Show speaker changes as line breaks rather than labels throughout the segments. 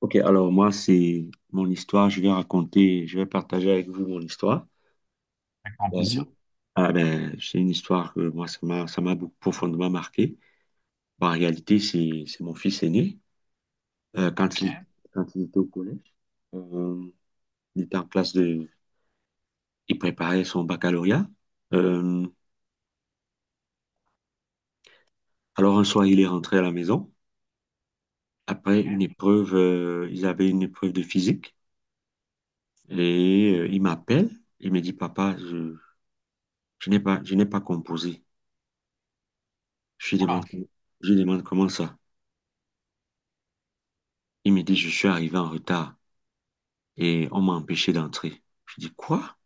Ok, alors moi, c'est mon histoire. Je vais raconter, je vais partager avec vous mon histoire.
Avec grand
Ouais.
plaisir.
Ah ben, c'est une histoire que moi, ça m'a profondément marqué. Bah, en réalité, c'est mon fils aîné. Euh,
Ok.
quand il, quand il était au collège, euh, il était en classe de, il préparait son baccalauréat. Euh, alors un soir, il est rentré à la maison. Après
Et-
une épreuve, ils avaient une épreuve de physique. Et il m'appelle. Il me dit, Papa, je n'ai pas composé. Je lui
Oula.
demande, je lui demande comment ça. Il me dit, je suis arrivé en retard et on m'a empêché d'entrer. Je dis, quoi?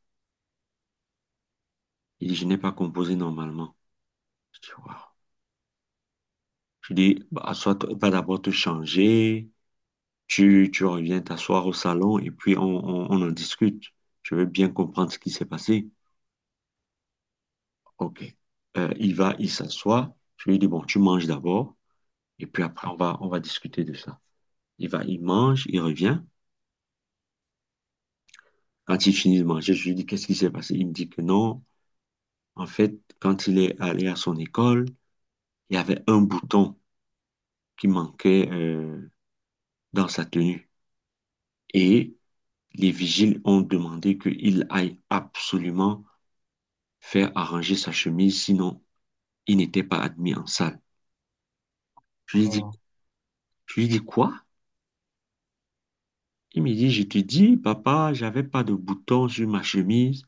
Il dit, je n'ai pas composé normalement. Je dis, waouh. Je dis, bah, va d'abord te changer, tu reviens t'asseoir au salon et puis on en discute. Je veux bien comprendre ce qui s'est passé. OK. Il s'assoit. Je lui dis, bon, tu manges d'abord et puis après, on va discuter de ça. Il va, il mange, il revient. Quand il finit de manger, je lui dis, qu'est-ce qui s'est passé? Il me dit que non. En fait, quand il est allé à son école, il y avait un bouton qui manquait dans sa tenue. Et les vigiles ont demandé qu'il aille absolument faire arranger sa chemise, sinon il n'était pas admis en salle. Je lui dis,
Euh,
je lui dis quoi? Il me dit, je te dis, papa, j'avais pas de bouton sur ma chemise.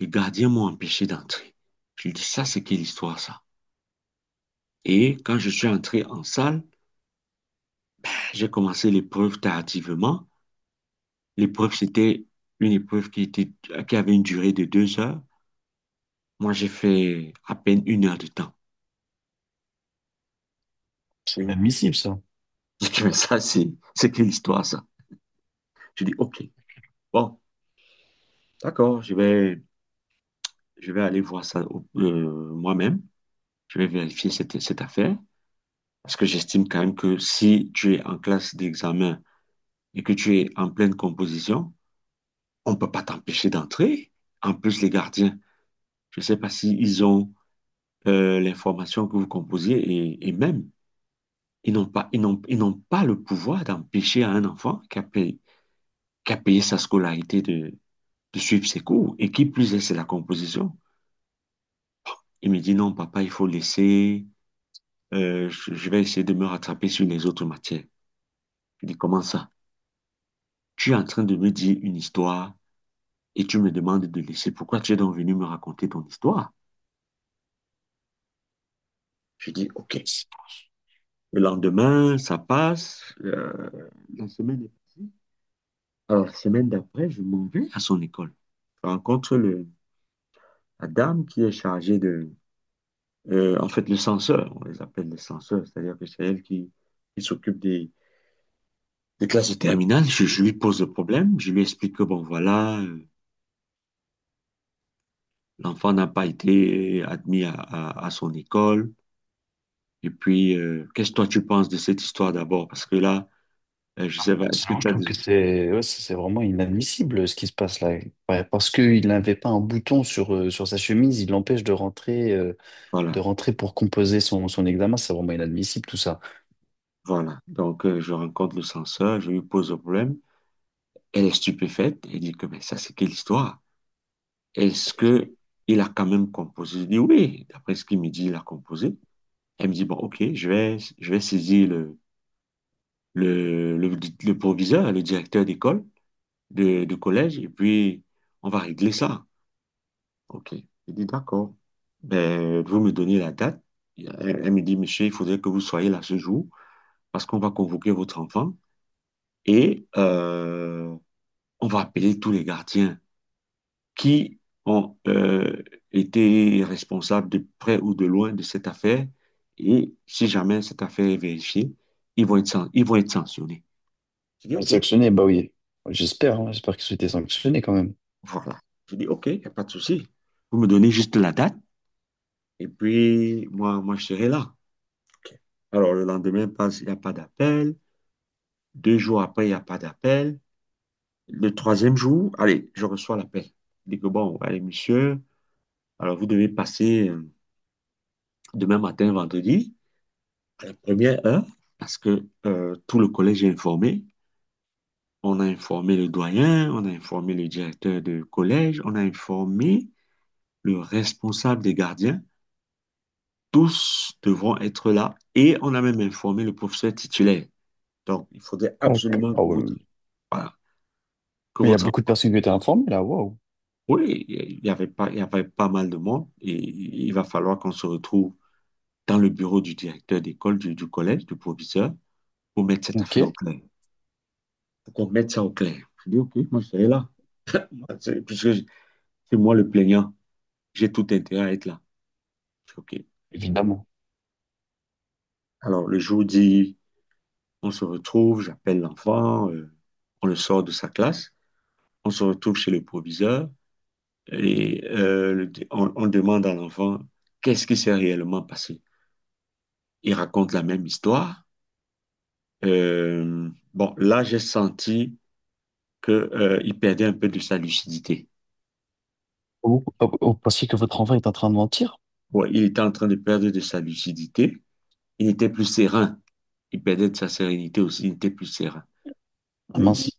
Les gardiens m'ont empêché d'entrer. Je lui dis, ça, c'est quelle histoire, ça? Et quand je suis entré en salle, j'ai commencé l'épreuve tardivement. L'épreuve, c'était une épreuve qui avait une durée de 2 heures. Moi, j'ai fait à peine 1 heure de temps.
c'est
Et
inadmissible, ça.
je dis, mais ça, c'est quelle histoire, ça? Je dis, OK, bon, d'accord, je vais aller voir ça moi-même. Je vais vérifier cette affaire. Parce que j'estime quand même que si tu es en classe d'examen et que tu es en pleine composition, on ne peut pas t'empêcher d'entrer. En plus, les gardiens, je ne sais pas s'ils ont l'information que vous composiez et même. Ils n'ont pas le pouvoir d'empêcher à un enfant qui a payé sa scolarité de suivre ses cours et qui plus est, c'est la composition. Il me dit non, papa, il faut laisser, je vais essayer de me rattraper sur les autres matières. Je dis comment ça? Tu es en train de me dire une histoire et tu me demandes de laisser. Pourquoi tu es donc venu me raconter ton histoire? Je dis ok. Le lendemain, ça passe, la semaine est passée. Alors, la semaine d'après, je m'en vais à son école. Je rencontre le, La dame qui est chargée en fait, le censeur, on les appelle les censeurs, c'est-à-dire que c'est elle qui s'occupe des classes de terminale. Je lui pose le problème, je lui explique que, bon, voilà, l'enfant n'a pas été admis à son école. Et puis, qu'est-ce que toi tu penses de cette histoire d'abord? Parce que là, je sais pas, est-ce que
Personnellement, je
tu as...
trouve que c'est ouais, c'est vraiment inadmissible ce qui se passe là. Ouais, parce qu'il n'avait pas un bouton sur, sur sa chemise, il l'empêche de
Voilà,
rentrer pour composer son examen. C'est vraiment inadmissible tout ça.
voilà. Donc, je rencontre le censeur, je lui pose le problème. Elle est stupéfaite, elle dit que, mais ça, c'est quelle histoire? Est-ce que il a quand même composé? Je dis oui, d'après ce qu'il me dit, il a composé. Elle me dit, bon, ok, je vais saisir le, le, le proviseur, le directeur d'école, de collège, et puis on va régler ça. Ok. Je dis, d'accord. Ben, vous me donnez la date. Elle me dit, monsieur, il faudrait que vous soyez là ce jour, parce qu'on va convoquer votre enfant et on va appeler tous les gardiens qui ont été responsables de près ou de loin de cette affaire. Et si jamais cette affaire est vérifiée, ils vont être sanctionnés. Je dis
Il est
OK.
sanctionné, bah oui. J'espère, hein, j'espère qu'ils ont été sanctionnés quand même.
Voilà. Je dis OK, il n'y a pas de souci. Vous me donnez juste la date et puis moi, moi je serai là. OK. Alors le lendemain passe, il n'y a pas d'appel. 2 jours après, il n'y a pas d'appel. Le troisième jour, allez, je reçois l'appel. Je dis que bon, allez, monsieur, alors vous devez passer demain matin, vendredi, la première heure, parce que tout le collège est informé. On a informé le doyen, on a informé le directeur de collège, on a informé le responsable des gardiens. Tous devront être là et on a même informé le professeur titulaire. Donc, il faudrait
Ah, que-
absolument
ah ouais.
voilà, que
Mais il y a
votre
beaucoup de
enfant.
personnes qui ont été informées là, waouh.
Oui, il y avait pas mal de monde et il va falloir qu'on se retrouve dans le bureau du directeur d'école, du collège, du proviseur, pour mettre cette
Ok,
affaire au clair. Pour qu'on mette ça au clair. Je dis, OK, moi, je serai là. Puisque c'est moi le plaignant, j'ai tout intérêt à être là. Je fais, OK.
évidemment.
Alors, le jour dit, on se retrouve, j'appelle l'enfant, on le sort de sa classe, on se retrouve chez le proviseur et on demande à l'enfant qu'est-ce qui s'est réellement passé. Il raconte la même histoire. Euh, bon, là, j'ai senti que il perdait un peu de sa lucidité.
Vous pensiez que votre enfant est en train de mentir?
Ouais, il était en train de perdre de sa lucidité. Il n'était plus serein. Il perdait de sa sérénité aussi. Il n'était plus serein.
Ah mince.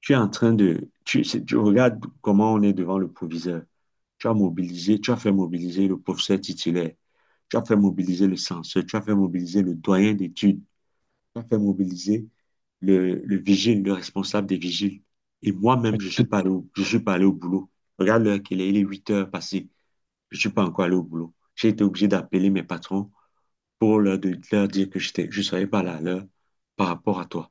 Tu es en train de... Tu, c'est- tu regardes comment on est devant le proviseur. Tu as fait mobiliser le professeur titulaire. Tu as fait mobiliser le censeur. Tu as fait mobiliser le doyen d'études. Tu as fait mobiliser le vigile, le responsable des vigiles. Et moi-même,
Tout-
je suis pas allé au boulot. Regarde l'heure qu'il est, il est 8 heures passées. Je suis pas encore allé au boulot. J'ai été obligé d'appeler mes patrons pour leur dire que je serais pas là à l'heure par rapport à toi.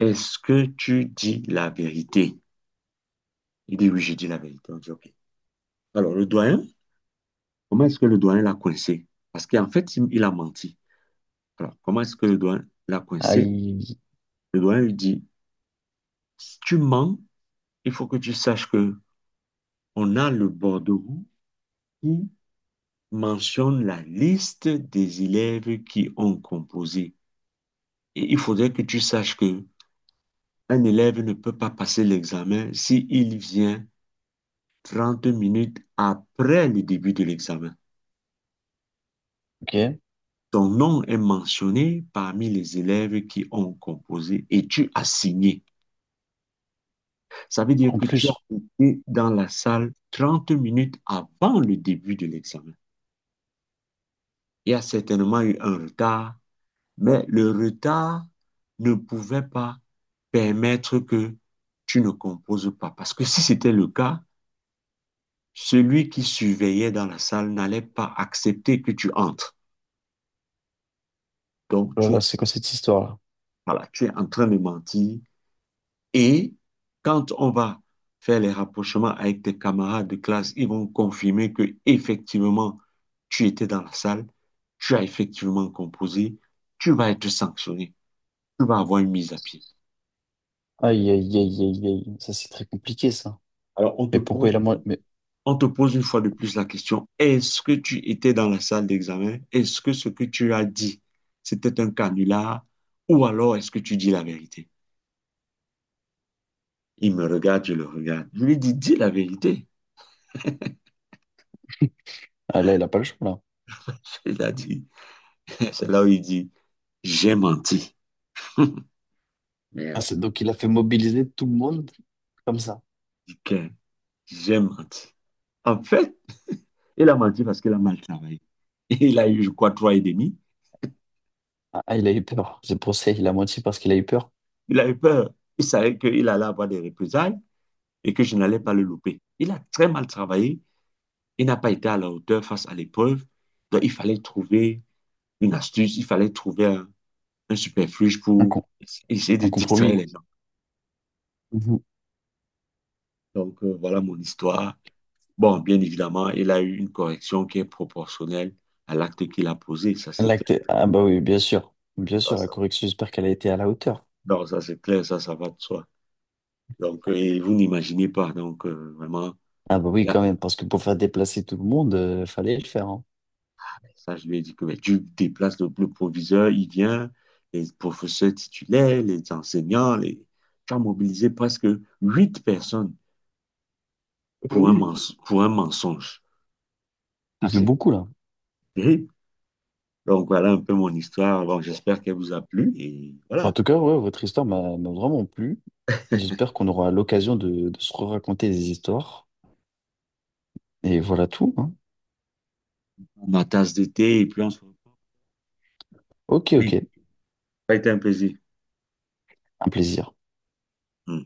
Est-ce que tu dis la vérité? Il dit oui, j'ai dit la vérité. On dit OK. Alors, le doyen, comment est-ce que le doyen l'a coincé? Parce qu'en fait, il a menti. Alors, comment est-ce que le doyen l'a coincé?
Aïe.
Le doyen lui dit, si tu mens, il faut que tu saches que on a le bordereau qui mentionne la liste des élèves qui ont composé. Et il faudrait que tu saches que un élève ne peut pas passer l'examen s'il vient 30 minutes après le début de l'examen.
Ok.
Ton nom est mentionné parmi les élèves qui ont composé et tu as signé. Ça veut dire
En
que tu as
plus,
été dans la salle 30 minutes avant le début de l'examen. Il y a certainement eu un retard, mais le retard ne pouvait pas permettre que tu ne composes pas. Parce que si c'était le cas, celui qui surveillait dans la salle n'allait pas accepter que tu entres. Donc,
oh là là, c'est quoi cette histoire-là?
voilà, tu es en train de mentir. Et quand on va faire les rapprochements avec tes camarades de classe, ils vont confirmer que effectivement tu étais dans la salle, tu as effectivement composé, tu vas être sanctionné, tu vas avoir une mise à pied.
Aïe, aïe, aïe, aïe, aïe. Ça, c'est très compliqué, ça.
Alors on te
Mais pourquoi il a...
pose,
mo- Mais...
on te pose une fois de plus la question, est-ce que tu étais dans la salle d'examen? Est-ce que ce que tu as dit, c'était un canular? Ou alors est-ce que tu dis la vérité? Il me regarde, je le regarde. Je lui dis, dis la vérité.
Ah, là, il a pas le choix, là.
Il a dit, c'est là où il dit, j'ai menti.
Ah,
Merde.
c'est- donc, il a fait mobiliser tout le monde comme ça.
Putain, j'ai menti. En fait, il a menti parce qu'il a mal travaillé. Il a eu, je crois, trois et demi.
Ah, ah, il a eu peur. C'est pour ça, il a menti parce qu'il a eu peur.
Il a eu peur. Il savait qu'il allait avoir des représailles et que je n'allais pas le louper. Il a très mal travaillé. Il n'a pas été à la hauteur face à l'épreuve. Donc, il fallait trouver une astuce. Il fallait trouver un superfuge
Un,
pour
com-
essayer de
un
distraire
compromis.
les gens.
Mhm.
Donc, voilà mon histoire. Bon, bien évidemment, il a eu une correction qui est proportionnelle à l'acte qu'il a posé. Ça, c'est clair.
Ah bah oui, bien sûr. Bien sûr, la correction, j'espère qu'elle a été à la hauteur.
Non, ça c'est clair, ça va de soi. Donc, et vous n'imaginez pas. Donc, vraiment,
Ah bah oui,
là,
quand même, parce que pour faire déplacer tout le monde, fallait le faire, hein.
ça, je lui ai dit que ben, tu déplaces le proviseur, il vient, les professeurs titulaires, les enseignants, les... tu as mobilisé presque 8 personnes
Ah bah oui.
pour un mensonge.
Ça fait
C'est
beaucoup là.
terrible. Donc, voilà un peu mon histoire. Bon, j'espère qu'elle vous a plu. Et
Bah, en
voilà,
tout cas, ouais, votre histoire m'a vraiment plu. Et j'espère qu'on aura l'occasion de se raconter des histoires. Et voilà tout, hein.
ma tasse d'été, et puis on se retrouve.
Ok, ok.
Oui, Ça a été un plaisir.
Un plaisir.
Hmm.